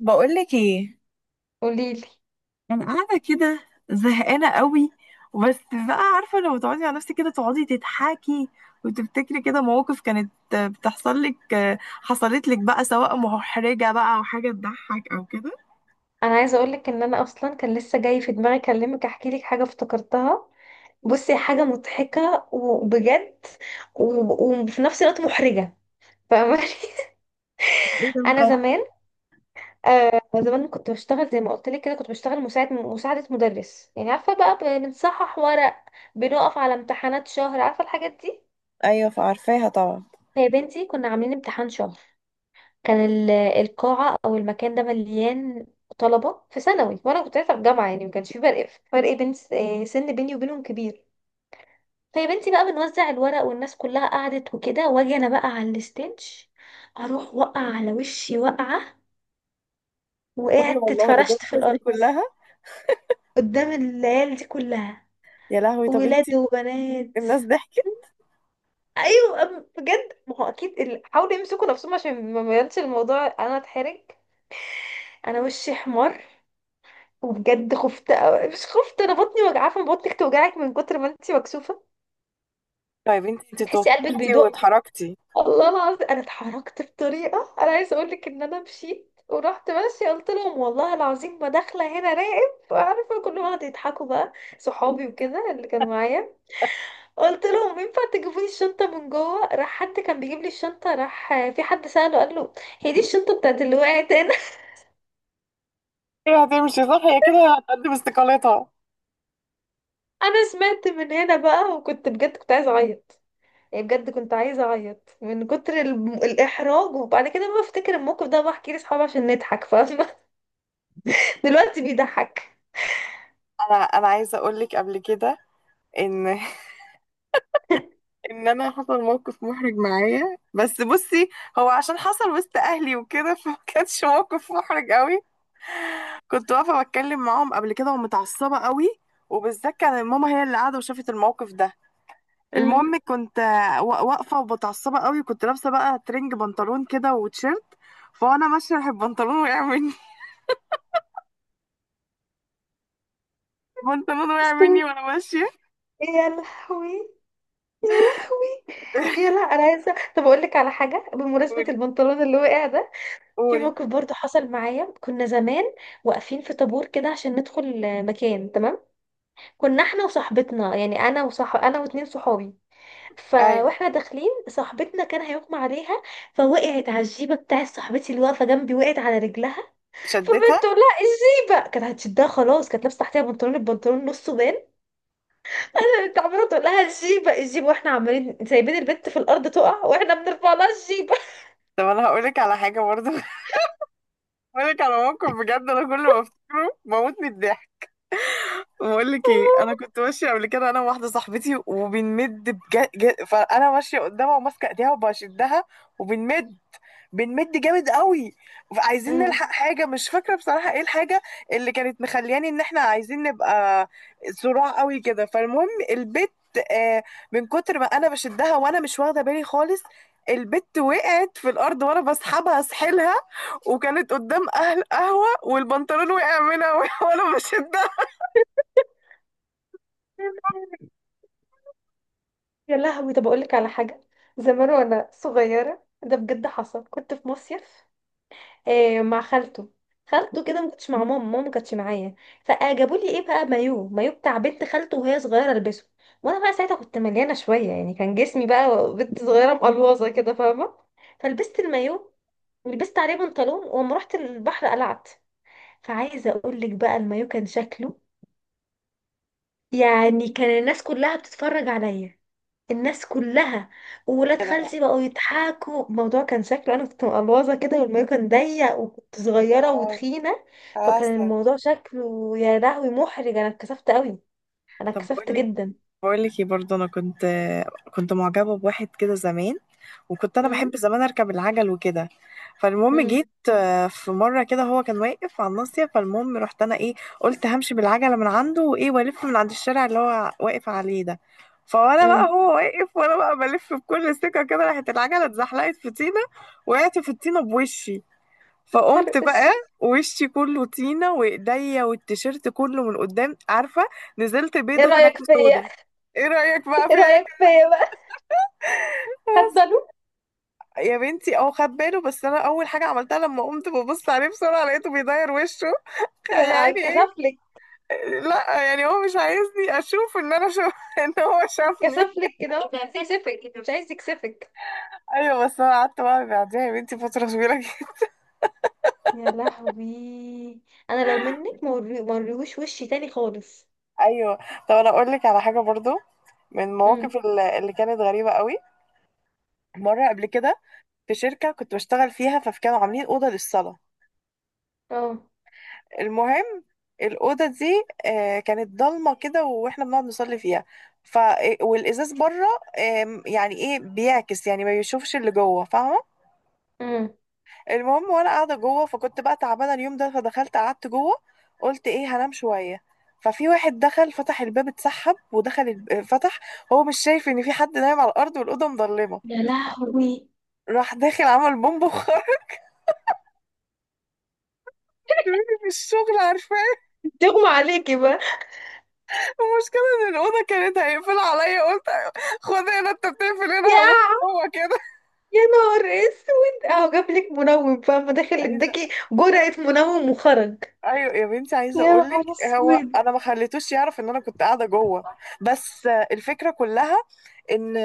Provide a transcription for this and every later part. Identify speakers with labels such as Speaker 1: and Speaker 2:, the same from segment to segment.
Speaker 1: بقولك ايه؟
Speaker 2: قوليلي.
Speaker 1: انا قاعده كده، زهقانه قوي. بس بقى عارفه، لو تقعدي على نفسك كده تقعدي تضحكي وتفتكري كده مواقف كانت بتحصل لك، حصلت لك بقى، سواء محرجه بقى او حاجه تضحك او كده.
Speaker 2: انا عايزه اقولك ان انا اصلا كان لسه جاي في دماغي اكلمك احكي لك حاجه افتكرتها. بصي، حاجه مضحكه وبجد، و- وفي نفس الوقت محرجه. فاهماني؟
Speaker 1: ايه ده
Speaker 2: انا
Speaker 1: بقى؟
Speaker 2: زمان، زمان كنت بشتغل زي ما قلت لك كده، كنت بشتغل مساعده مدرس، يعني عارفه بقى، بنصحح ورق، بنقف على امتحانات شهر، عارفه الحاجات دي.
Speaker 1: ايوه، فعارفاها طبعا.
Speaker 2: فيا بنتي، كنا عاملين امتحان شهر. كان القاعة أو المكان ده مليان طلبة في ثانوي، وأنا كنت لسه في جامعة، يعني ما كانش في فرق بين سن بيني وبينهم كبير. فيا بنتي بقى بنوزع الورق والناس كلها قعدت وكده، واجي أنا بقى على الستينج، أروح وقع على وشي وقعة،
Speaker 1: قولي
Speaker 2: وقعدت
Speaker 1: والله، قدام
Speaker 2: اتفرشت في
Speaker 1: الناس
Speaker 2: الأرض.
Speaker 1: دي كلها؟
Speaker 2: قدام العيال دي كلها،
Speaker 1: يا لهوي، طب
Speaker 2: ولاد
Speaker 1: انتي.
Speaker 2: وبنات.
Speaker 1: الناس ضحكت؟
Speaker 2: ايوه. بجد، ما هو اكيد حاولوا يمسكوا نفسهم عشان ما يبانش الموضوع انا اتحرج. انا وشي احمر، وبجد خفت أوي. مش خفت، انا بطني وجعاه، فما بطنك توجعك من كتر ما انت مكسوفه.
Speaker 1: طيب انت
Speaker 2: بتحسي قلبك
Speaker 1: توترتي
Speaker 2: بيدق.
Speaker 1: واتحركتي؟
Speaker 2: الله العظيم، انا اتحركت بطريقه، انا عايزه اقول لك ان انا مشيت ورحت ماشيه، قلت لهم والله العظيم ما داخله هنا راقب، عارفه كلهم قعدوا يضحكوا بقى، صحابي وكده اللي كانوا معايا. قلت لهم ينفع تجيبوا لي الشنطه من جوه، راح حد كان بيجيب لي الشنطه، راح في حد ساله، قال له هي دي الشنطه بتاعت اللي وقعت هنا؟
Speaker 1: هي هتمشي، صح، هي كده هتقدم استقالتها.
Speaker 2: انا سمعت من هنا بقى، وكنت بجد كنت عايزه اعيط. يعني بجد كنت عايزة أعيط من كتر الإحراج. وبعد كده، ما بفتكر الموقف ده بحكي لأصحابي عشان نضحك، فاهمة؟ دلوقتي بيضحك.
Speaker 1: انا عايزه اقول لك قبل كده ان ان انا حصل موقف محرج معايا، بس بصي. هو عشان حصل وسط اهلي وكده فما كانش موقف محرج قوي. كنت واقفه بتكلم معاهم قبل كده، ومتعصبه قوي. وبالذات كان ماما هي اللي قاعده وشافت الموقف ده.
Speaker 2: امم.
Speaker 1: المهم كنت واقفه ومتعصبه قوي، وكنت لابسه بقى ترنج، بنطلون كده وتيشيرت. فانا ماشيه، راح البنطلون وقع مني. البنطلون وقع
Speaker 2: بس هو-.
Speaker 1: مني وانا ماشيه.
Speaker 2: يا لهوي، يا لهوي. يا لا، أنا عايزة، طب أقول لك على حاجة بمناسبة
Speaker 1: قولي،
Speaker 2: البنطلون اللي وقع ده. في
Speaker 1: قولي.
Speaker 2: موقف برضه حصل معايا، كنا زمان واقفين في طابور كده عشان ندخل مكان، تمام؟ كنا احنا وصاحبتنا، يعني أنا، وصح، أنا واتنين صحابي.
Speaker 1: ايوه،
Speaker 2: فواحنا داخلين، صاحبتنا كان هيغمى عليها، فوقعت على الجيبه بتاع صاحبتي اللي واقفه جنبي، وقعت على رجلها.
Speaker 1: شدتها.
Speaker 2: فبنت تقول لها الجيبه، كانت هتشدها خلاص، كانت لابسه تحتها بنطلون، البنطلون نصه بان. انا كنت عماله تقول لها الجيبه الجيبه، واحنا عمالين سايبين البنت في الارض تقع، واحنا بنرفع لها الجيبه.
Speaker 1: طب انا هقولك على حاجه برضه. بقولك على موقف، بجد انا كل ما افتكره بموت من الضحك. بقول لك ايه، انا كنت ماشيه قبل كده انا وواحده صاحبتي وبنمد بجد فانا ماشيه قدامها وماسكه ايديها وبشدها. وبنمد، بنمد جامد قوي. عايزين
Speaker 2: أمم.
Speaker 1: نلحق حاجه، مش فاكره بصراحه ايه الحاجه اللي كانت مخلياني ان احنا عايزين نبقى صراع قوي كده. فالمهم البت، آه من كتر ما انا بشدها وانا مش واخده بالي خالص، البت وقعت في الارض وانا بسحبها اسحلها. وكانت قدام اهل قهوه والبنطلون وقع منها وانا بشدها.
Speaker 2: يا لهوي، طب اقول لك على حاجه. زمان وانا صغيره، ده بجد حصل، كنت في مصيف، مع خالته. خالته كده، ما كنتش مع ماما، ماما ما كانتش معايا. فجابوا لي ايه بقى، مايو، مايو بتاع بنت خالته وهي صغيره البسه، وانا بقى ساعتها كنت مليانه شويه، يعني كان جسمي بقى بنت صغيره مقلوظه كده، فاهمه؟ فلبست المايو ولبست عليه بنطلون، وأما رحت البحر قلعت. فعايزه اقول لك بقى، المايو كان شكله، يعني كان الناس كلها بتتفرج عليا. الناس كلها وولاد خالتي بقوا يضحكوا، الموضوع كان شكله انا كنت مقلوظه كده، والمايو كان ضيق، وكنت صغيره
Speaker 1: اه،
Speaker 2: وتخينه. فكان
Speaker 1: عسل.
Speaker 2: الموضوع شكله يا لهوي محرج. انا اتكسفت قوي. انا
Speaker 1: طب بقول
Speaker 2: اتكسفت
Speaker 1: لك
Speaker 2: جدا.
Speaker 1: بقول لك ايه برضه، انا كنت معجبه بواحد كده زمان. وكنت انا
Speaker 2: امم.
Speaker 1: بحب زمان اركب العجل وكده. فالمهم جيت،
Speaker 2: امم.
Speaker 1: في مره كده هو كان واقف على الناصيه. فالمهم رحت انا ايه، قلت همشي بالعجله من عنده وايه، والف من عند الشارع اللي هو واقف عليه ده. فانا بقى،
Speaker 2: امم.
Speaker 1: هو واقف وانا بقى بلف بكل ثقه كده، راحت العجله اتزحلقت في طينه. وقعت في الطينه بوشي. فقمت
Speaker 2: فرق
Speaker 1: بقى
Speaker 2: اسود.
Speaker 1: وشي كله طينة، وايديا والتيشيرت كله من قدام، عارفة؟ نزلت
Speaker 2: ايه
Speaker 1: بيضة طلعت
Speaker 2: رايك فيا؟
Speaker 1: سودا. ايه رأيك بقى
Speaker 2: ايه
Speaker 1: فيا؟
Speaker 2: رايك فيا بقى؟ خد باله.
Speaker 1: يا بنتي اه، خد باله. بس انا اول حاجة عملتها لما قمت ببص عليه بسرعة لقيته بيداير وشه.
Speaker 2: يا.
Speaker 1: يا عيني، ايه؟
Speaker 2: اتكسفلك.
Speaker 1: لا، يعني هو مش عايزني اشوف ان انا شوف ان هو شافني.
Speaker 2: اتكسفلك كده، مش عايز يكسفك، مش عايز يكسفك.
Speaker 1: ايوه، بس انا قعدت بقى بعديها يا بنتي فترة طويلة جدا.
Speaker 2: يا لهوي. انا لو منك، ما وريهوش وشي تاني خالص.
Speaker 1: ايوه. طب انا اقول لك على حاجة برضو. من المواقف
Speaker 2: امم.
Speaker 1: اللي كانت غريبة قوي، مرة قبل كده في شركة كنت بشتغل فيها، فكانوا عاملين أوضة للصلاة. المهم، الأوضة دي، كانت ضلمة كده وإحنا بنقعد نصلي فيها. ف آه، والإزاز بره، يعني إيه بيعكس، يعني ما بيشوفش اللي جوه، فاهمة؟
Speaker 2: اه،
Speaker 1: المهم وأنا قاعدة جوه، فكنت بقى تعبانة اليوم ده، فدخلت قعدت جوه. قلت إيه، هنام شوية. ففي واحد دخل فتح الباب، اتسحب ودخل فتح. هو مش شايف إن في حد نايم على الأرض والأوضة مظلمة.
Speaker 2: يا لهوي.
Speaker 1: راح داخل عمل بومب وخرج مني، من الشغل، عارفة؟
Speaker 2: تغمى عليكي بقى.
Speaker 1: المشكلة إن الأوضة كانت هيقفل عليا، قلت، خد هنا، أنت بتقفل هنا هموت.
Speaker 2: يا
Speaker 1: هو كده.
Speaker 2: يا نهار اسود، اهو جابلك منوم فاهمة، داخل
Speaker 1: عايزة.
Speaker 2: اداكي جرعة منوم وخرج.
Speaker 1: أيوة يا بنتي، عايزة
Speaker 2: يا
Speaker 1: أقولك،
Speaker 2: نهار
Speaker 1: هو
Speaker 2: اسود.
Speaker 1: أنا ما خليتوش يعرف إن أنا كنت قاعدة جوه. بس الفكرة كلها، إن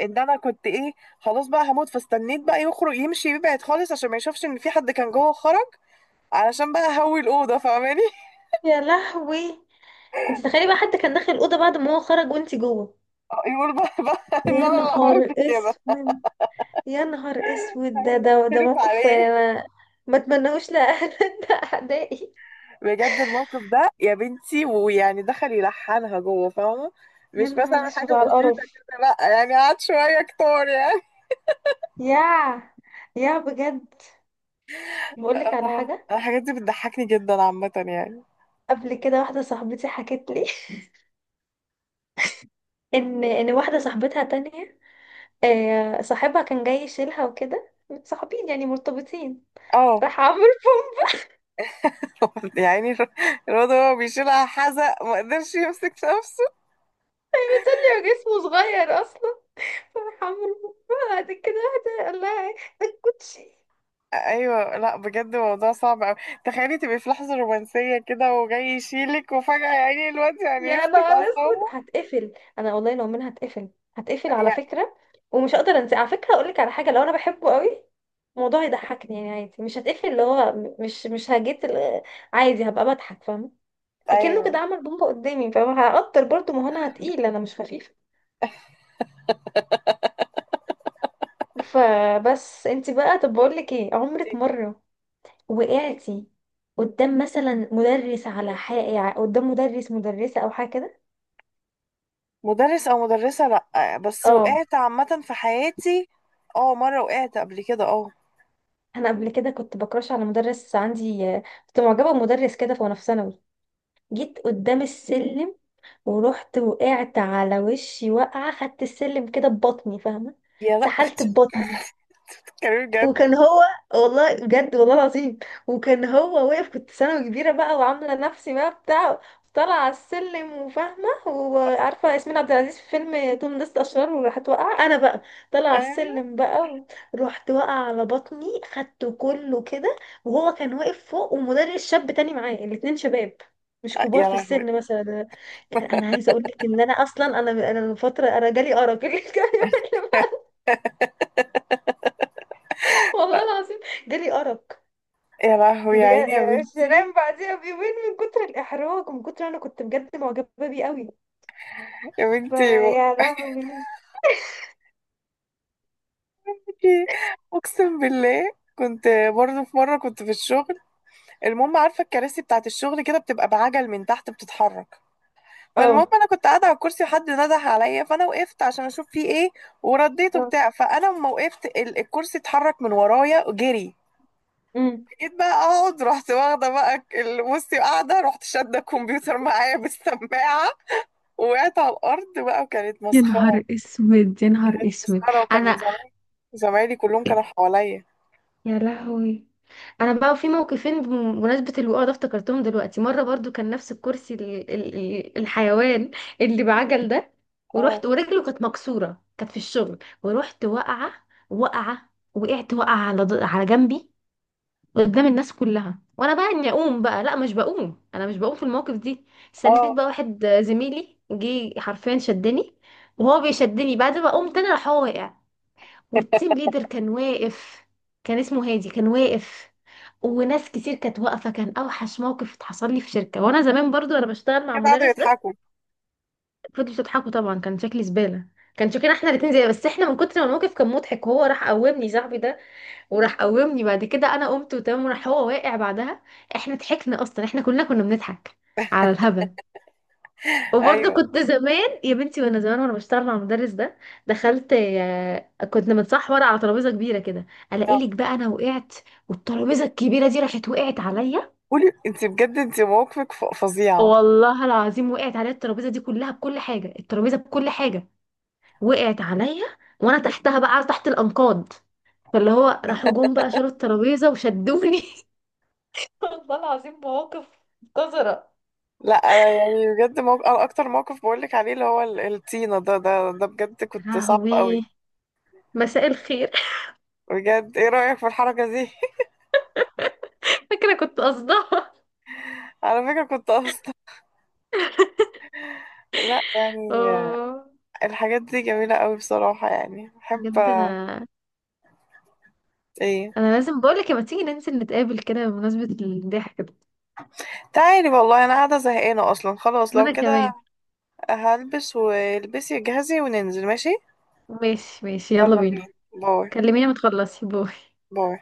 Speaker 1: إن أنا كنت إيه، خلاص بقى هموت. فاستنيت بقى يخرج يمشي يبعد خالص عشان ما يشوفش إن في حد كان جوه، خرج. علشان بقى هوي الأوضة، فاهماني؟
Speaker 2: يا لهوي، انت تخيلي بقى حد كان داخل الأوضة بعد ما هو خرج وانت جوه.
Speaker 1: يقول بقى، إن
Speaker 2: يا
Speaker 1: أنا اللي عملت
Speaker 2: نهار
Speaker 1: كده.
Speaker 2: اسود، يا نهار اسود. ده
Speaker 1: خرف
Speaker 2: موقف،
Speaker 1: عليه.
Speaker 2: يعني انا ما اتمنهوش لأهل لأعدائي.
Speaker 1: بجد الموقف ده يا بنتي، ويعني دخل يلحنها جوه، فاهمة؟
Speaker 2: يا
Speaker 1: مش
Speaker 2: نهار
Speaker 1: مثلا
Speaker 2: اسود
Speaker 1: حاجة
Speaker 2: على
Speaker 1: بسيطة
Speaker 2: القرف.
Speaker 1: كده، لا يعني قعد شوية كتار يعني.
Speaker 2: يا يا بجد. بقولك على
Speaker 1: اه،
Speaker 2: حاجة.
Speaker 1: الحاجات دي بتضحكني جدا عامة يعني.
Speaker 2: قبل كده، واحدة صاحبتي حكت لي ان واحده صاحبتها تانية، صاحبها كان جاي يشيلها وكده، صاحبين يعني مرتبطين.
Speaker 1: اه.
Speaker 2: راح عمرو.
Speaker 1: يعني الواد هو بيشيلها، حزق ما قدرش يمسك نفسه.
Speaker 2: بيصلي، جسمه صغير اصلا. راح عمرو. بعد كده واحده قال لها إيه؟ الكوتشي.
Speaker 1: ايوه، لا بجد الموضوع صعب اوي. تخيلي تبقي في لحظة رومانسية كده وجاي يشيلك وفجأة يعني الواد يعني
Speaker 2: يا
Speaker 1: يفقد
Speaker 2: نهار اسود،
Speaker 1: أعصابه.
Speaker 2: هتقفل. انا والله لو منها هتقفل. هتقفل على
Speaker 1: أي-
Speaker 2: فكره. ومش هقدر انسى على فكره. اقول لك على حاجه، لو انا بحبه قوي، الموضوع يضحكني، يعني عادي، مش هتقفل، اللي هو مش هجيت ال-، عادي هبقى بضحك، فاهمه؟ اكنه كده
Speaker 1: ايوه.
Speaker 2: عمل بومبا قدامي، فاهمه؟ هقدر برضه، ما هو انا تقيل، انا مش خفيف. فبس، انت بقى، طب بقول لك ايه، عمرك مره وقعتي قدام مثلا مدرس على حاجه، قدام مدرس مدرسه او حاجه كده؟
Speaker 1: مدرس او مدرسة؟ لا، بس
Speaker 2: اه.
Speaker 1: وقعت عامة في حياتي. اه، مرة وقعت قبل كده، اه.
Speaker 2: انا قبل كده كنت بكراش على مدرس عندي، كنت معجبه بمدرس كده، في وانا في ثانوي. جيت قدام السلم، ورحت وقعت على وشي وقعه، خدت السلم كده ببطني، فاهمه؟
Speaker 1: يا لا.
Speaker 2: سحلت ببطني.
Speaker 1: كريم جد.
Speaker 2: وكان هو، والله بجد، والله العظيم وكان هو واقف. كنت ثانوي كبيرة بقى، وعاملة نفسي بقى بتاع، طالعة على السلم، وفاهمة وعارفة ياسمين عبد العزيز في فيلم توم نست أشرار، وراحت واقعة. أنا بقى طالعة على
Speaker 1: آه.
Speaker 2: السلم بقى، رحت واقعة على بطني، خدته كله كده. وهو كان واقف فوق، ومدرس شاب تاني معاه، الاتنين شباب، مش كبار
Speaker 1: يا
Speaker 2: في
Speaker 1: لهوي.
Speaker 2: السن مثلا. انا عايزه اقول لك ان انا اصلا، انا من فتره انا جالي ارق. والله العظيم جالي ارق.
Speaker 1: يا لهوي، يا
Speaker 2: بجد
Speaker 1: عيني يا بنتي.
Speaker 2: شيرين، بعديها بيومين من كتر الإحراج، ومن كتر أنا كنت بجد معجبة بيه قوي.
Speaker 1: يا بنتي،
Speaker 2: فيا لهوي.
Speaker 1: بقولكي، اقسم بالله كنت، برضه في مرة كنت في الشغل. المهم، عارفة الكراسي بتاعت الشغل كده بتبقى بعجل من تحت بتتحرك. فالمهم
Speaker 2: اه.
Speaker 1: انا كنت قاعدة على الكرسي، وحد ندح عليا، فانا وقفت عشان اشوف فيه ايه. ورديته
Speaker 2: اه.
Speaker 1: بتاع. فانا لما وقفت الكرسي اتحرك من ورايا جري.
Speaker 2: امم.
Speaker 1: جيت بقى اقعد، رحت واخده بقى بصي، قاعده، رحت شاده الكمبيوتر معايا بالسماعه. وقعت على الارض بقى، وكانت
Speaker 2: يا
Speaker 1: مسخره.
Speaker 2: نهار اسود، يا نهار اسود
Speaker 1: مسخره، وكان
Speaker 2: انا.
Speaker 1: زمايلي، زمايلي كلهم كانوا حواليا.
Speaker 2: يا لهوي. انا بقى في موقفين بمناسبه الوقوع ده، افتكرتهم دلوقتي. مره برضو كان نفس الكرسي، الحيوان اللي بعجل ده،
Speaker 1: اه،
Speaker 2: ورحت، ورجله كانت مكسوره، كانت في الشغل، ورحت واقعه. واقعه، وقعت، واقعه على على جنبي. قدام الناس كلها، وانا بقى اني اقوم بقى، لا مش بقوم، انا مش بقوم في المواقف دي. استنيت
Speaker 1: اه.
Speaker 2: بقى، واحد زميلي جه حرفيا شدني، وهو بيشدني بعد ما قمت انا، راح هو واقع. والتيم ليدر كان واقف، كان اسمه هادي، كان واقف. وناس كتير كانت واقفه. كان اوحش موقف اتحصل لي في شركه. وانا زمان برضو انا بشتغل مع
Speaker 1: كده قعدوا
Speaker 2: المدرس ده،
Speaker 1: يضحكوا.
Speaker 2: فضلوا تضحكوا طبعا، كان شكلي زباله. كان شكلنا احنا الاتنين زي، بس احنا من كتر ما الموقف كان مضحك، وهو راح قومني صاحبي ده، وراح قومني بعد كده انا قمت وتمام، وراح هو واقع بعدها. احنا ضحكنا، اصلا احنا كلنا كنا بنضحك على الهبل. وبرضه
Speaker 1: ايوه.
Speaker 2: كنت زمان يا بنتي، وانا زمان وانا بشتغل مع المدرس ده، دخلت، كنت متصح ورقه على ترابيزه كبيره كده، الاقي
Speaker 1: آه.
Speaker 2: لك بقى انا وقعت. والترابيزه الكبيره دي راحت وقعت عليا.
Speaker 1: قولي، انت بجد انت مواقفك فظيعه.
Speaker 2: والله العظيم، وقعت عليا الترابيزه دي كلها بكل حاجه، الترابيزه بكل حاجه وقعت عليا، وانا تحتها بقى، تحت الانقاض. فاللي هو راحوا جم بقى شالوا الترابيزه وشدوني. والله العظيم، مواقف قذرة.
Speaker 1: لا انا يعني بجد أنا اكتر موقف بقول لك عليه اللي هو الطينه ده، بجد كنت صعب
Speaker 2: لهوي.
Speaker 1: قوي.
Speaker 2: مساء الخير.
Speaker 1: بجد، ايه رايك في الحركه دي؟
Speaker 2: فاكرة كنت قصدها.
Speaker 1: على فكره كنت اصلا، لا يعني،
Speaker 2: اه،
Speaker 1: الحاجات دي جميلة قوي بصراحة، يعني بحب.
Speaker 2: بجد، انا
Speaker 1: ايه.
Speaker 2: انا لازم بقولك لما تيجي ننزل نتقابل كده بمناسبة الضحك ده.
Speaker 1: تعالي والله، انا قاعدة زهقانة اصلا خلاص، لو
Speaker 2: وانا
Speaker 1: كده.
Speaker 2: كمان.
Speaker 1: هلبس، والبسي جهزي وننزل، ماشي.
Speaker 2: ماشي ماشي، يلا
Speaker 1: يلا بينا.
Speaker 2: بينا.
Speaker 1: باي.
Speaker 2: كلميني، ما تخلصي. باي.
Speaker 1: باي.